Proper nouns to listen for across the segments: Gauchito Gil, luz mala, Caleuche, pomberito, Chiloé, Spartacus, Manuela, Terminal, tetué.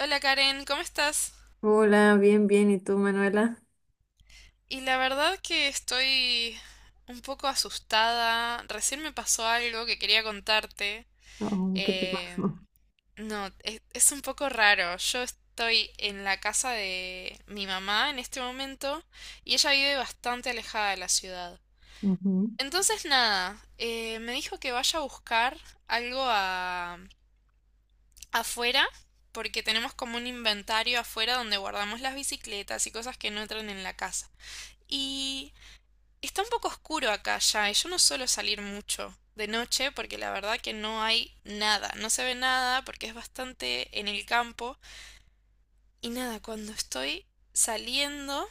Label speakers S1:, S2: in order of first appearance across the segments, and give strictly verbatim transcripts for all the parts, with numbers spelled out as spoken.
S1: Hola Karen, ¿cómo estás?
S2: Hola, bien, bien. ¿Y tú, Manuela?
S1: Y la verdad que estoy un poco asustada. Recién me pasó algo que quería contarte.
S2: Oh, ¿qué te
S1: Eh,
S2: pasó?
S1: no, es, es un poco raro. Yo estoy en la casa de mi mamá en este momento y ella vive bastante alejada de la ciudad.
S2: Ujú.
S1: Entonces nada, eh, me dijo que vaya a buscar algo a- afuera porque tenemos como un inventario afuera donde guardamos las bicicletas y cosas que no entran en la casa. Y está un poco oscuro acá ya, y yo no suelo salir mucho de noche porque la verdad que no hay nada, no se ve nada porque es bastante en el campo. Y nada, cuando estoy saliendo,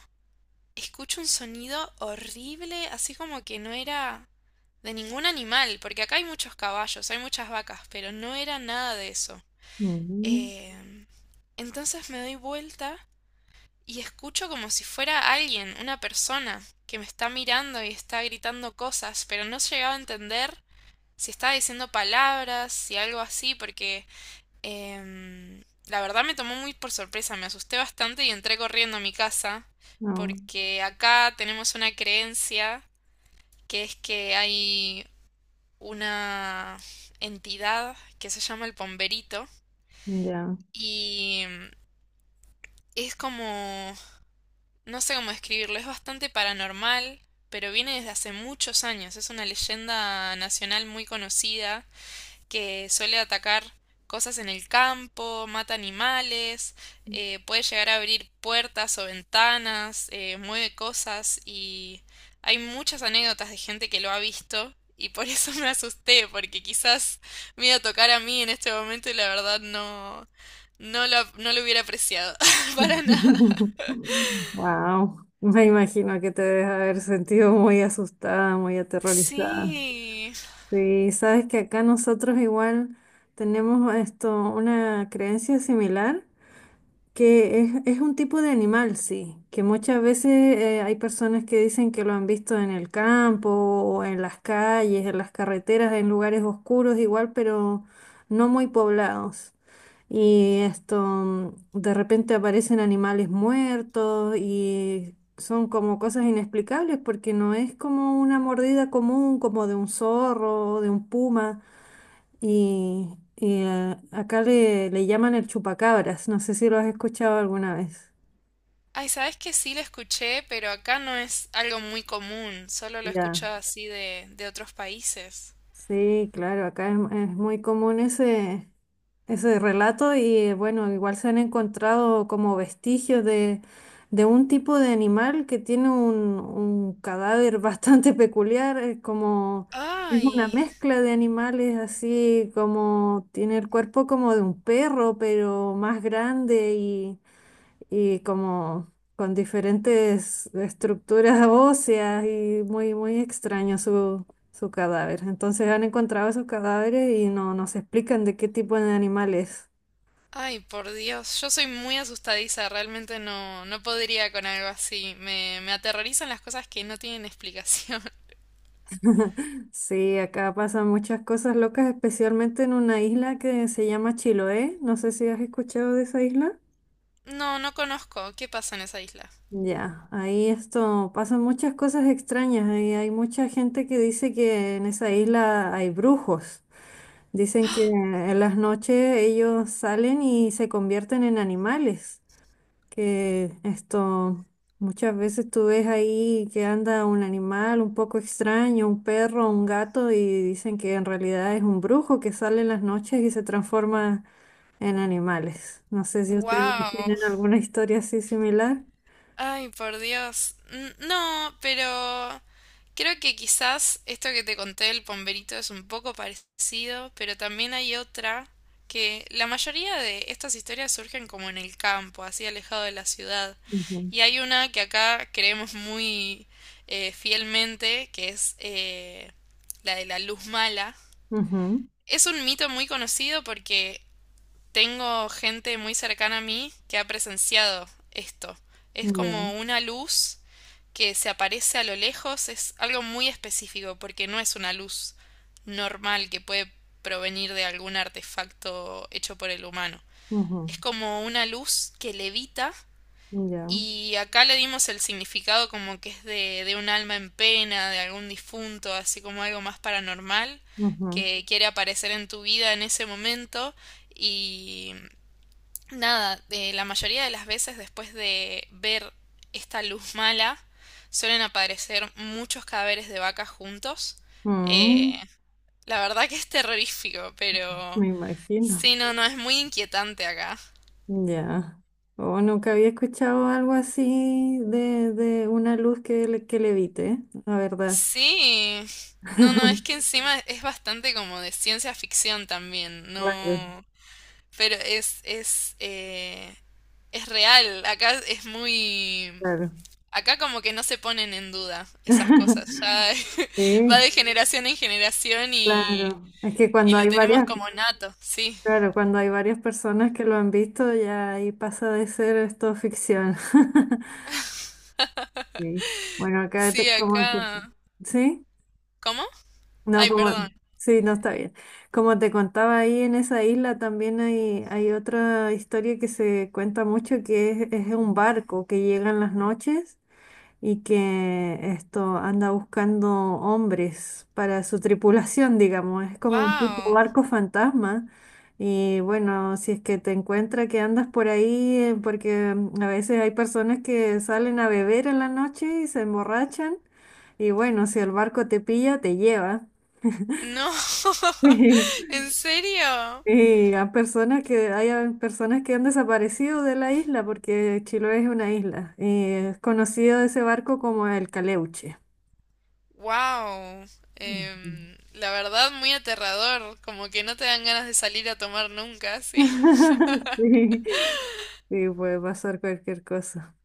S1: escucho un sonido horrible, así como que no era de ningún animal, porque acá hay muchos caballos, hay muchas vacas, pero no era nada de eso.
S2: Ujú.
S1: Eh, entonces me doy vuelta y escucho como si fuera alguien, una persona, que me está mirando y está gritando cosas, pero no llegaba a entender si estaba diciendo palabras, si algo así, porque em, la verdad me tomó muy por sorpresa, me asusté bastante y entré corriendo a mi casa,
S2: Oh.
S1: porque acá tenemos una creencia que es que hay una entidad que se llama el pomberito
S2: Ya.
S1: y es como No sé cómo describirlo, es bastante paranormal, pero viene desde hace muchos años. Es una leyenda nacional muy conocida que suele atacar cosas en el campo, mata animales, eh, puede llegar a abrir puertas o ventanas, eh, mueve cosas y hay muchas anécdotas de gente que lo ha visto y por eso me asusté, porque quizás me iba a tocar a mí en este momento y la verdad no, no lo, no lo hubiera apreciado para nada.
S2: Wow. Me imagino que te debes haber sentido muy asustada, muy aterrorizada.
S1: Sí.
S2: Sí, sabes que acá nosotros igual tenemos esto, una creencia similar. Que es, es un tipo de animal, sí, que muchas veces eh, hay personas que dicen que lo han visto en el campo o en las calles, en las carreteras, en lugares oscuros igual, pero no muy poblados. Y esto, mm, de repente aparecen animales muertos y son como cosas inexplicables porque no es como una mordida común, como de un zorro o de un puma. Y, y, eh, acá le, le llaman el chupacabras, no sé si lo has escuchado alguna vez.
S1: Ay, sabes que sí lo escuché, pero acá no es algo muy común. Solo lo he
S2: Ya.
S1: escuchado así de, de otros países.
S2: Sí, claro, acá es, es muy común ese, ese relato y eh, bueno, igual se han encontrado como vestigios de, de un tipo de animal que tiene un, un cadáver bastante peculiar, es como es una
S1: Ay,
S2: mezcla de animales, así como tiene el cuerpo como de un perro, pero más grande y como con diferentes estructuras óseas y muy, muy extraño su, su cadáver. Entonces han encontrado esos cadáveres y no nos explican de qué tipo de animal es.
S1: Ay, por Dios. Yo soy muy asustadiza. Realmente no, no podría con algo así. Me, me aterrorizan las cosas que no tienen explicación.
S2: Sí, acá pasan muchas cosas locas, especialmente en una isla que se llama Chiloé. No sé si has escuchado de esa isla.
S1: No, no conozco. ¿Qué pasa en esa isla?
S2: Ya, ahí esto pasan muchas cosas extrañas. Ahí hay mucha gente que dice que en esa isla hay brujos. Dicen que en las noches ellos salen y se convierten en animales, que esto muchas veces tú ves ahí que anda un animal un poco extraño, un perro, un gato, y dicen que en realidad es un brujo que sale en las noches y se transforma en animales. No sé si ustedes
S1: Wow.
S2: tienen alguna historia así similar.
S1: Ay, por Dios. N- No, pero creo que quizás esto que te conté del pomberito es un poco parecido, pero también hay otra que la mayoría de estas historias surgen como en el campo, así alejado de la ciudad.
S2: Ujú.
S1: Y hay una que acá creemos muy eh, fielmente, que es eh, la de la luz mala.
S2: Ujú.
S1: Es un mito muy conocido porque tengo gente muy cercana a mí que ha presenciado esto. Es
S2: Ya.
S1: como una luz que se aparece a lo lejos, es algo muy específico porque no es una luz normal que puede provenir de algún artefacto hecho por el humano.
S2: Ujú.
S1: Es como una luz que levita
S2: Ya.
S1: y acá le dimos el significado como que es de, de un alma en pena, de algún difunto, así como algo más paranormal
S2: Ujú.
S1: que quiere aparecer en tu vida en ese momento y Nada, eh, la mayoría de las veces después de ver esta luz mala suelen aparecer muchos cadáveres de vacas juntos. Eh,
S2: Mm,
S1: la verdad que es terrorífico, pero
S2: me imagino.
S1: sí, no, no, es muy inquietante acá.
S2: Ya. O nunca había escuchado algo así de, de una luz que, le- que levite, la verdad.
S1: Sí, no, no, es que encima es bastante como de ciencia ficción también,
S2: Claro,
S1: no, pero es, es, eh, es real, acá es muy...
S2: claro.
S1: Acá como que no se ponen en duda esas cosas, ya va
S2: Sí,
S1: de generación en generación y,
S2: claro. Es que
S1: y
S2: cuando
S1: lo
S2: hay
S1: tenemos
S2: varias,
S1: como nato, sí.
S2: claro, cuando hay varias personas que lo han visto, ya ahí pasa de ser esto ficción. Sí. Bueno, acá
S1: Sí,
S2: te, como te-
S1: acá.
S2: ¿Sí?
S1: ¿Cómo?
S2: No,
S1: Ay,
S2: como,
S1: perdón.
S2: sí, no está bien. Como te contaba, ahí en esa isla también hay, hay otra historia que se cuenta mucho, que es, es un barco que llega en las noches y que esto anda buscando hombres para su tripulación, digamos. Es como un tipo
S1: Wow.
S2: barco fantasma. Y bueno, si es que te encuentra que andas por ahí, eh, porque mm, a veces hay personas que salen a beber en la noche y se emborrachan. Y bueno, si el barco te pilla, te lleva.
S1: No.
S2: Sí.
S1: ¿En serio?
S2: Y a personas que hayan personas que han desaparecido de la isla, porque Chiloé es una isla, y es conocido ese barco como el Caleuche.
S1: Wow.
S2: Ujú.
S1: La verdad, muy aterrador, como que no te dan ganas de salir a tomar nunca, sí.
S2: Sí, sí, puede pasar cualquier cosa.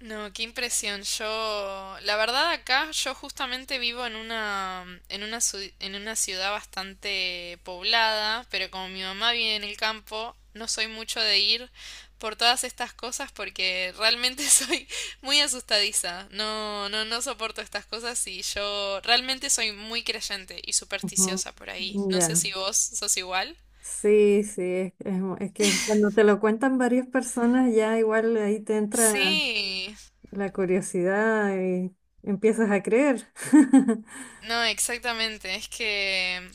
S1: No, qué impresión. Yo, la verdad acá, yo justamente vivo en una, en una, ciu- en una ciudad bastante poblada, pero como mi mamá vive en el campo, no soy mucho de ir por todas estas cosas porque realmente soy muy asustadiza. No, no, no soporto estas cosas y yo realmente soy muy creyente y
S2: Ujú.
S1: supersticiosa por ahí. No sé
S2: Ya.
S1: si vos sos igual.
S2: Sí, sí, es, es mu- es que cuando te lo cuentan varias personas ya igual ahí te entra
S1: Sí,
S2: la curiosidad y empiezas a creer.
S1: no, exactamente. Es que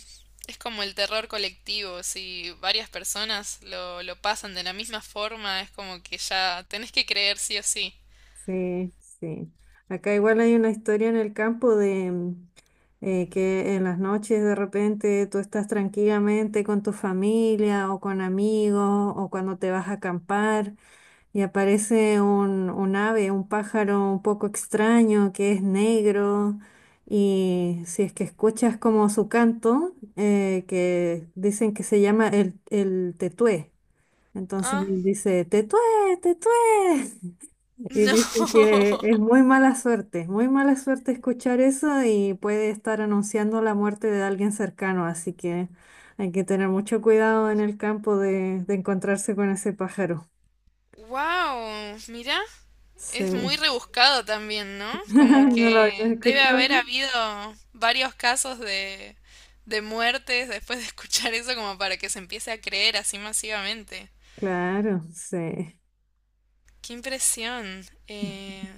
S1: es como el terror colectivo. Si varias personas lo, lo pasan de la misma forma, es como que ya tenés que creer sí o sí.
S2: Sí, sí. Acá igual hay una historia en el campo de mm, eh, que en las noches de repente tú estás tranquilamente con tu familia o con amigos o cuando te vas a acampar y aparece un, un ave, un pájaro un poco extraño que es negro, y si es que escuchas como su canto, eh, que dicen que se llama el, el tetué. Entonces
S1: Ah,
S2: él dice, tetué, tetué. Y dicen
S1: no.
S2: que es muy mala suerte, es muy mala suerte escuchar eso, y puede estar anunciando la muerte de alguien cercano, así que hay que tener mucho cuidado en el campo de, de encontrarse con ese pájaro.
S1: Wow, mira, es muy
S2: Sí.
S1: rebuscado también, ¿no? Como
S2: ¿No lo habías
S1: que debe
S2: escuchado?
S1: haber habido varios casos de, de muertes después de escuchar eso como para que se empiece a creer así masivamente.
S2: Claro, sí.
S1: Qué impresión. Eh,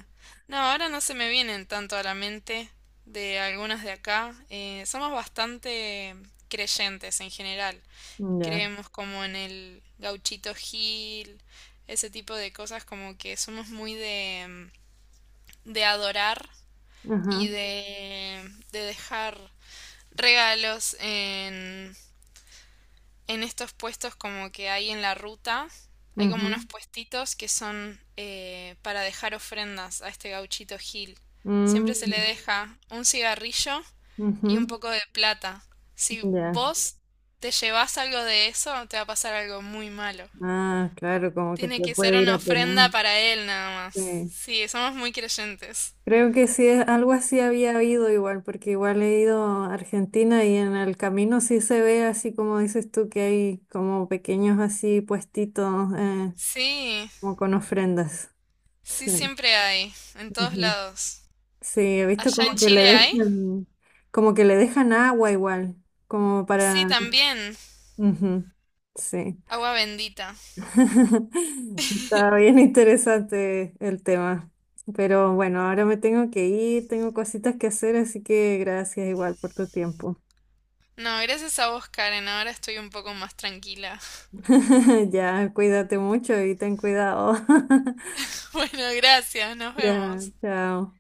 S1: No, ahora no se me vienen tanto a la mente de algunas de acá. Eh, somos bastante creyentes en general.
S2: Ya.
S1: Creemos como en el Gauchito Gil, ese tipo de cosas, como que somos muy de, de adorar y
S2: Ajá.
S1: de, de dejar regalos en estos puestos como que hay en la ruta, hay como unos
S2: Ujú.
S1: puestitos que son eh, para dejar ofrendas a este Gauchito Gil.
S2: Mm.
S1: Siempre se le deja un cigarrillo y un
S2: Ujú.
S1: poco de plata. Si
S2: Ya.
S1: vos te llevas algo de eso, te va a pasar algo muy malo.
S2: Ah, claro, como que
S1: Tiene
S2: te
S1: que ser
S2: puede ir
S1: una
S2: a
S1: ofrenda
S2: penal.
S1: para él nada más.
S2: Sí.
S1: Sí, somos muy creyentes.
S2: Creo que sí, es- algo así había habido igual, porque igual he ido a Argentina y en el camino sí se ve, así como dices tú, que hay como pequeños así puestitos, eh,
S1: Sí,
S2: como con ofrendas.
S1: sí
S2: Sí.
S1: siempre hay, en todos
S2: Ujú.
S1: lados.
S2: Sí, he visto
S1: ¿Allá en
S2: como que le
S1: Chile hay?
S2: dejan, como que le dejan agua igual, como
S1: Sí,
S2: para...
S1: también.
S2: Ujú. Sí.
S1: Agua bendita.
S2: Está bien interesante el tema. Pero bueno, ahora me tengo que ir, tengo cositas que hacer, así que gracias igual por tu tiempo.
S1: No, gracias a vos, Karen. Ahora estoy un poco más tranquila.
S2: Ya, cuídate mucho y ten cuidado.
S1: Bueno, gracias. Nos
S2: Ya,
S1: vemos.
S2: chao.